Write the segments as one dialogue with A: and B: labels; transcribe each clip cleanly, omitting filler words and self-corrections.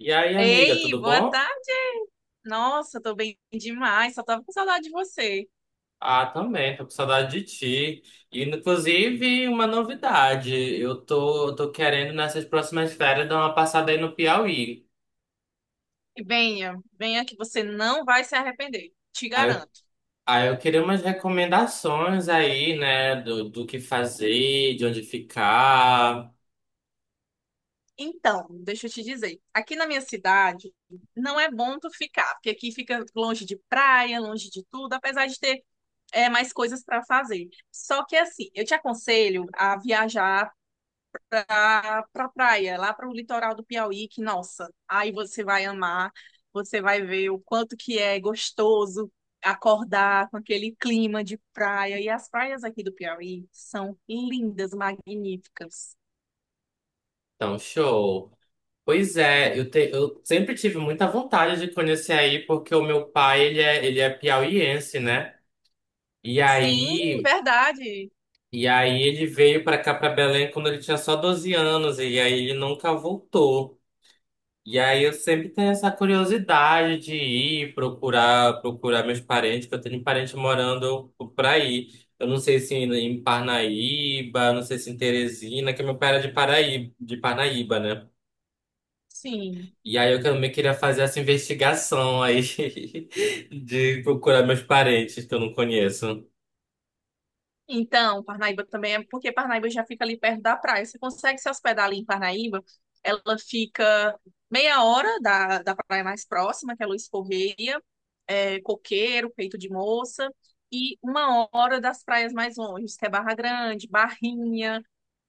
A: E aí, amiga,
B: Ei,
A: tudo
B: boa
A: bom?
B: tarde. Nossa, tô bem demais. Só tava com saudade de você.
A: Ah, também, tô com saudade de ti. E, inclusive, uma novidade, eu tô querendo, nessas próximas férias, dar uma passada aí no Piauí.
B: E venha, venha que você não vai se arrepender. Te
A: Aí, eu-
B: garanto.
A: aí eu queria umas recomendações aí, né, do que fazer, de onde ficar.
B: Então, deixa eu te dizer. Aqui na minha cidade, não é bom tu ficar, porque aqui fica longe de praia, longe de tudo, apesar de ter mais coisas para fazer. Só que assim, eu te aconselho a viajar para pra praia, lá para o litoral do Piauí, que, nossa, aí você vai amar, você vai ver o quanto que é gostoso acordar com aquele clima de praia. E as praias aqui do Piauí são lindas, magníficas.
A: Então, show. Pois é, eu sempre tive muita vontade de conhecer aí, porque o meu pai, ele é piauiense, né? E
B: Sim,
A: aí...
B: verdade.
A: E aí ele veio pra cá, pra Belém, quando ele tinha só 12 anos, e aí ele nunca voltou. E aí eu sempre tenho essa curiosidade de ir procurar, procurar meus parentes, que eu tenho parente morando por aí. Eu não sei se em Parnaíba, não sei se em Teresina, que meu pai era de Paraíba, de Parnaíba, né?
B: Sim.
A: E aí eu também queria fazer essa investigação aí de procurar meus parentes que eu não conheço.
B: Então, Parnaíba também é porque Parnaíba já fica ali perto da praia. Você consegue se hospedar ali em Parnaíba? Ela fica meia hora da praia mais próxima, que é Luiz Correia, Coqueiro, Peito de Moça, e uma hora das praias mais longe, que é Barra Grande, Barrinha.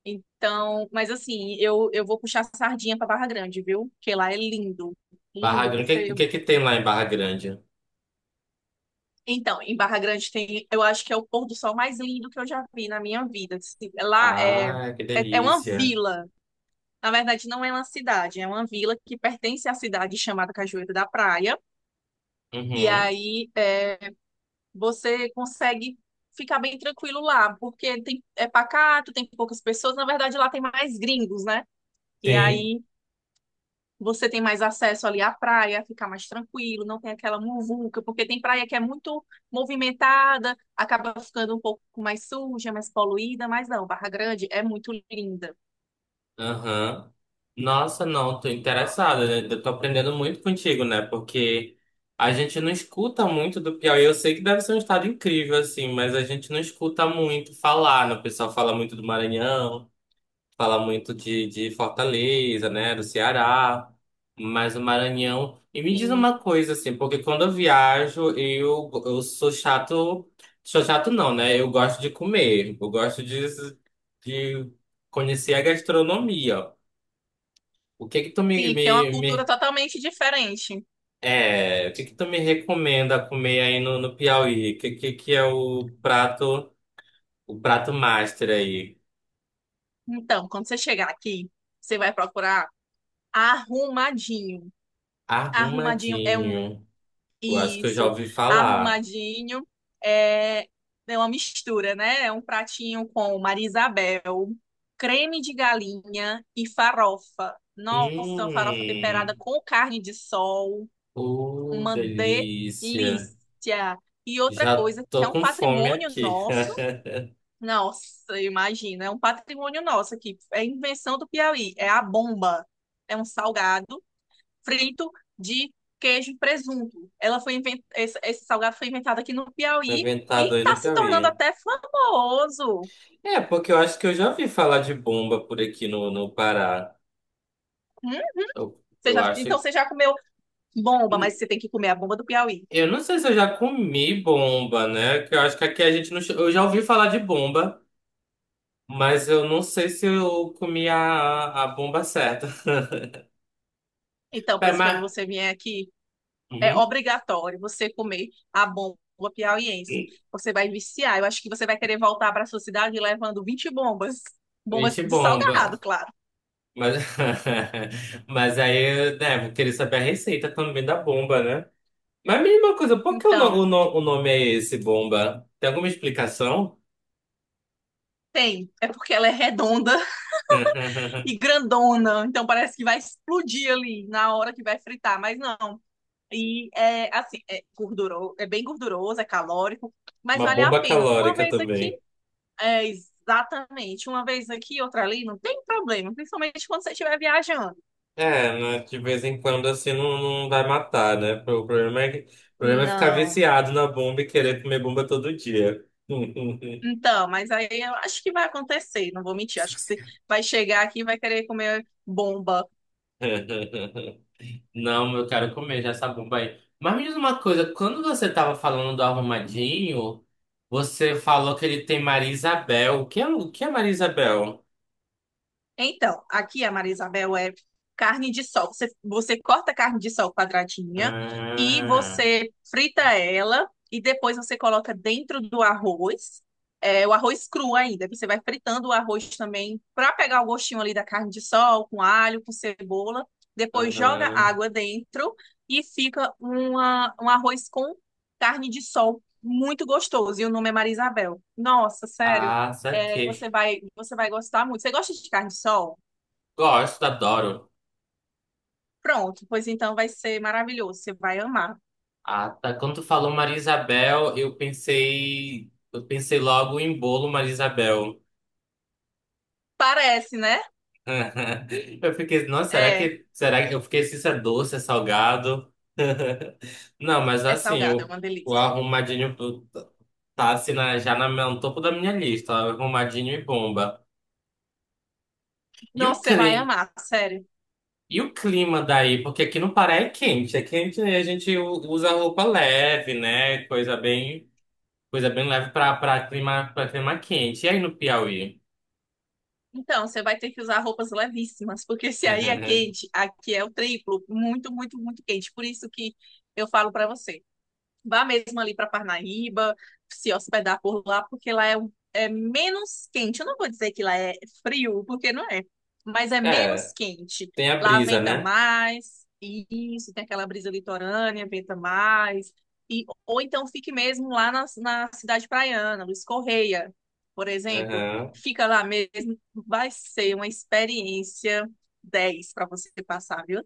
B: Então, mas assim, eu vou puxar sardinha para Barra Grande, viu? Porque lá é lindo,
A: Barra
B: lindo.
A: Grande, o
B: Você
A: que, o que que tem lá em Barra Grande?
B: Então, em Barra Grande tem, eu acho que é o pôr do sol mais lindo que eu já vi na minha vida. Assim, lá é,
A: Ah, que
B: é, é uma
A: delícia.
B: vila. Na verdade, não é uma cidade, é uma vila que pertence à cidade chamada Cajueiro da Praia. E
A: Uhum,
B: aí você consegue ficar bem tranquilo lá, porque é pacato, tem poucas pessoas. Na verdade, lá tem mais gringos, né? E
A: sim,
B: aí, você tem mais acesso ali à praia, fica mais tranquilo, não tem aquela muvuca, porque tem praia que é muito movimentada, acaba ficando um pouco mais suja, mais poluída, mas não, Barra Grande é muito linda.
A: aham. Nossa, não, tô interessada, né? Eu tô aprendendo muito contigo, né? Porque a gente não escuta muito do Piauí. Eu sei que deve ser um estado incrível, assim, mas a gente não escuta muito falar, né? O pessoal fala muito do Maranhão. Fala muito de Fortaleza, né, do Ceará, mas o Maranhão. E me diz
B: Sim,
A: uma coisa, assim, porque quando eu viajo, eu sou chato não, né? Eu gosto de comer, eu gosto de conhecer a gastronomia. O que que tu me,
B: sim,
A: me,
B: porque é uma cultura
A: me-
B: totalmente diferente.
A: É, o que que tu me recomenda comer aí no Piauí? O que, que é o prato master aí?
B: Então, quando você chegar aqui, você vai procurar arrumadinho. Arrumadinho
A: Arrumadinho. Eu acho que eu já
B: isso,
A: ouvi falar.
B: arrumadinho. É, é uma mistura, né? É um pratinho com Marisabel, creme de galinha e farofa. Nossa,
A: Hum,
B: uma farofa temperada com carne de sol,
A: oh,
B: uma
A: delícia.
B: delícia. E outra
A: Já
B: coisa que é
A: tô
B: um
A: com fome
B: patrimônio
A: aqui.
B: nosso. Nossa, imagina, é um patrimônio nosso aqui. É invenção do Piauí, é a bomba. É um salgado frito de queijo e presunto. Esse salgado foi inventado aqui no
A: Tô
B: Piauí e
A: inventado aí
B: está
A: no
B: se tornando
A: Piauí.
B: até famoso.
A: É, porque eu acho que eu já ouvi falar de bomba por aqui no Pará.
B: Hum?
A: Eu, eu acho.
B: Então você já comeu bomba,
A: Hum,
B: mas você tem que comer a bomba do Piauí.
A: Eu não sei se eu já comi bomba, né? Que eu acho que aqui a gente não. Eu já ouvi falar de bomba, mas eu não sei se eu comi a bomba certa.
B: Então,
A: Pera,
B: pois quando
A: mas.
B: você vier aqui, é
A: Uhum.
B: obrigatório você comer a bomba piauiense. Você vai viciar. Eu acho que você vai querer voltar para sua cidade levando 20 bombas. Bombas
A: Gente,
B: do
A: bomba.
B: salgado, claro.
A: Mas, mas aí, né, vou querer saber a receita também da bomba, né? Mas me diz coisa, por que o, no- o
B: Então,
A: no- o nome é esse, bomba? Tem alguma explicação?
B: tem. É porque ela é redonda e grandona, então parece que vai explodir ali na hora que vai fritar, mas não. E é assim, é gorduroso, é bem gorduroso, é calórico, mas
A: Uma
B: vale a
A: bomba
B: pena. Uma
A: calórica
B: vez aqui,
A: também.
B: é exatamente, uma vez aqui, outra ali, não tem problema, principalmente quando você estiver viajando.
A: É, né, de vez em quando assim não, não vai matar, né? O problema é ficar
B: Não.
A: viciado na bomba e querer comer bomba todo dia.
B: Então, mas aí eu acho que vai acontecer, não vou mentir,
A: Se
B: acho que
A: você
B: você
A: quer.
B: vai chegar aqui e vai querer comer bomba.
A: Não, eu quero comer já essa bomba aí. Mas me diz uma coisa, quando você estava falando do arrumadinho, você falou que ele tem Maria Isabel. O que é Maria Isabel?
B: Então, aqui a Maria Isabel é carne de sol. Você corta a carne de sol quadradinha e
A: Ah,
B: você frita ela e depois você coloca dentro do arroz, o arroz cru ainda. Você vai fritando o arroz também para pegar o gostinho ali da carne de sol, com alho, com cebola. Depois joga
A: aham.
B: água dentro e fica um arroz com carne de sol muito gostoso. E o nome é Maria Isabel. Nossa, sério.
A: Ah,
B: É, você
A: saquei.
B: vai, você vai gostar muito. Você gosta de carne de sol?
A: Gosto, adoro.
B: Pronto, pois então vai ser maravilhoso. Você vai amar.
A: Ah, tá. Quando tu falou Maria Isabel, eu pensei logo em bolo Maria Isabel.
B: Parece, né?
A: Eu fiquei, nossa, será
B: É,
A: que, será que eu fiquei se isso é doce, é salgado? Não, mas
B: é
A: assim,
B: salgado, é uma
A: o
B: delícia.
A: arrumadinho tá tá, assim na- já na, no topo da minha lista, arrumadinho e bomba. E o
B: Nossa, você
A: cli,
B: vai amar, sério.
A: e o clima daí? Porque aqui no Pará é quente e a gente usa roupa leve, né? Coisa bem leve para clima, para clima quente. E aí no Piauí?
B: Então, você vai ter que usar roupas levíssimas, porque se aí é quente, aqui é o triplo, muito, muito, muito quente. Por isso que eu falo pra você. Vá mesmo ali para Parnaíba, se hospedar por lá, porque lá é menos quente. Eu não vou dizer que lá é frio, porque não é, mas é menos
A: É,
B: quente.
A: tem a
B: Lá
A: brisa,
B: venta
A: né?
B: mais, e isso, tem aquela brisa litorânea, venta mais. Ou então fique mesmo lá na cidade praiana, Luiz Correia, por exemplo. Fica lá mesmo, vai ser uma experiência 10 para você passar, viu?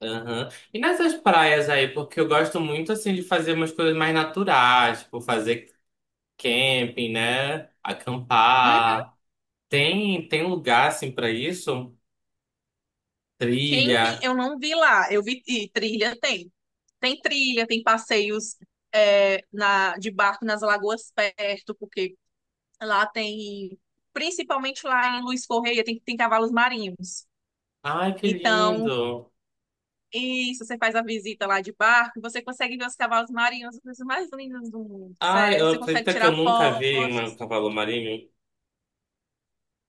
A: Aham. E nessas praias aí, porque eu gosto muito assim de fazer umas coisas mais naturais, tipo fazer camping, né? Acampar. Tem lugar assim pra isso?
B: Camping
A: Trilha.
B: eu não vi lá, eu vi e trilha tem. Tem trilha, tem passeios de barco nas lagoas perto, porque lá tem, principalmente lá em Luiz Correia, tem cavalos marinhos.
A: Ai, que
B: Então,
A: lindo.
B: isso, você faz a visita lá de barco, você consegue ver os cavalos marinhos, os mais lindos do mundo, sério.
A: Ai,
B: Aí,
A: eu
B: você consegue
A: acredito que eu
B: tirar
A: nunca vi um
B: fotos.
A: cavalo marinho.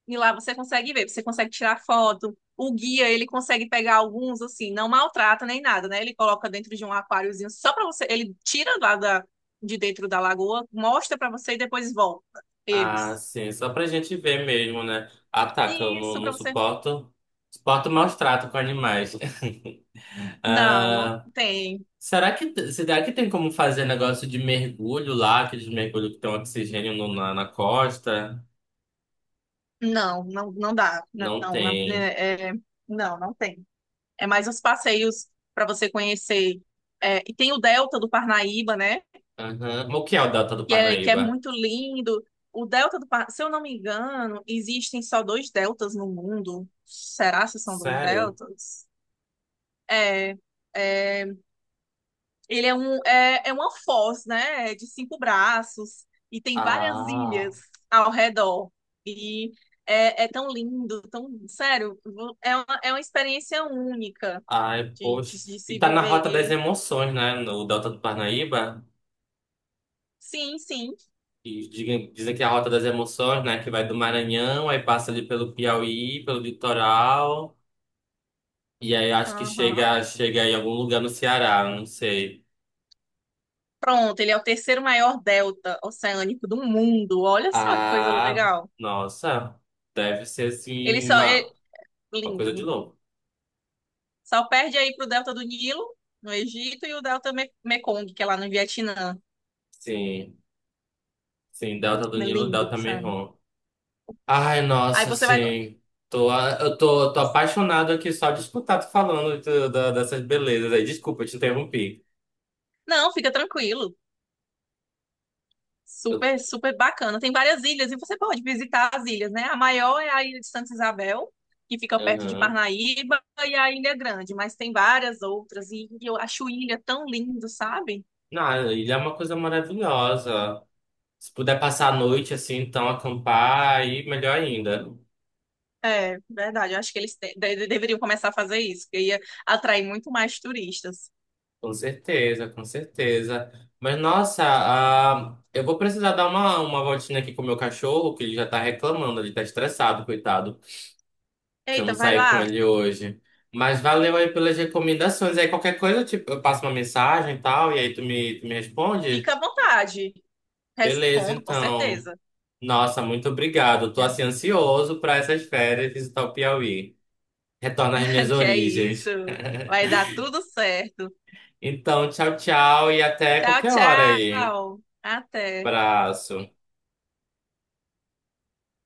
B: E lá você consegue ver, você consegue tirar foto. O guia, ele consegue pegar alguns, assim, não maltrata nem nada, né? Ele coloca dentro de um aquáriozinho só para você. Ele tira lá de dentro da lagoa, mostra para você e depois volta
A: Ah,
B: eles.
A: sim, só pra gente ver mesmo, né? Ah, tá, que eu
B: E
A: não,
B: isso
A: não
B: para você.
A: suporto. Suporto maus tratos com animais.
B: Não, não
A: Ah,
B: tem.
A: será que, será que tem como fazer negócio de mergulho lá, aqueles mergulhos que tem oxigênio na na costa?
B: Não, não, não dá. Não,
A: Não
B: não,
A: tem.
B: não, não tem. É mais os passeios para você conhecer. É, e tem o Delta do Parnaíba, né?
A: Aham. O que é o Delta do
B: Que é,
A: Parnaíba?
B: muito lindo. O delta se eu não me engano, existem só dois deltas no mundo. Será se são dois
A: Sério?
B: deltas? É, é, Ele é uma foz, né? É de cinco braços e tem várias
A: Ah,
B: ilhas ao redor. E é tão lindo, tão sério. É uma experiência única
A: ai,
B: de,
A: poxa.
B: de, de
A: E
B: se
A: tá na Rota das
B: viver.
A: Emoções, né? No Delta do Parnaíba.
B: Sim, sim.
A: E dizem que é a Rota das Emoções, né? Que vai do Maranhão, aí passa ali pelo Piauí, pelo litoral. E aí acho que
B: Aham.
A: chega, chega em algum lugar no Ceará, não sei.
B: Pronto, ele é o terceiro maior delta oceânico do mundo. Olha só que coisa
A: Ah,
B: legal.
A: nossa, deve ser
B: Ele
A: assim
B: só é
A: uma coisa de
B: lindo.
A: louco.
B: Só perde aí pro delta do Nilo, no Egito, e o delta Mekong, que é lá no Vietnã.
A: Sim, sim, Delta do
B: É
A: Nilo,
B: lindo,
A: Delta
B: sabe?
A: Mekong. Ai,
B: Aí
A: nossa,
B: você vai.
A: sim. Tô, eu tô apaixonado aqui só de escutar tu falando dessas belezas aí. Desculpa, te interrompi.
B: Não, fica tranquilo.
A: Eu,
B: Super, super bacana. Tem várias ilhas e você pode visitar as ilhas, né? A maior é a ilha de Santa Isabel, que fica perto de
A: aham.
B: Parnaíba, e a Ilha Grande, mas tem várias outras. E eu acho ilha tão lindo, sabe?
A: Não, ele é uma coisa maravilhosa. Se puder passar a noite assim, então acampar, aí melhor ainda.
B: É, verdade. Eu acho que eles deveriam começar a fazer isso, que ia atrair muito mais turistas.
A: Com certeza, com certeza. Mas nossa, ah, eu vou precisar dar uma voltinha aqui com o meu cachorro, que ele já tá reclamando, ele tá estressado, coitado, que eu não
B: Eita, vai
A: saí
B: lá,
A: com ele hoje. Mas valeu aí pelas recomendações. Aí qualquer coisa, tipo, eu passo uma mensagem e tal, e aí tu me responde?
B: fica à vontade.
A: Beleza,
B: Respondo com
A: então.
B: certeza.
A: Nossa, muito obrigado. Tô
B: Não.
A: assim ansioso para essas férias visitar o Piauí. Retornar às minhas
B: Que é isso.
A: origens.
B: Vai dar tudo certo.
A: Então, tchau, tchau e até
B: Tchau,
A: qualquer hora aí.
B: tchau. Até.
A: Abraço.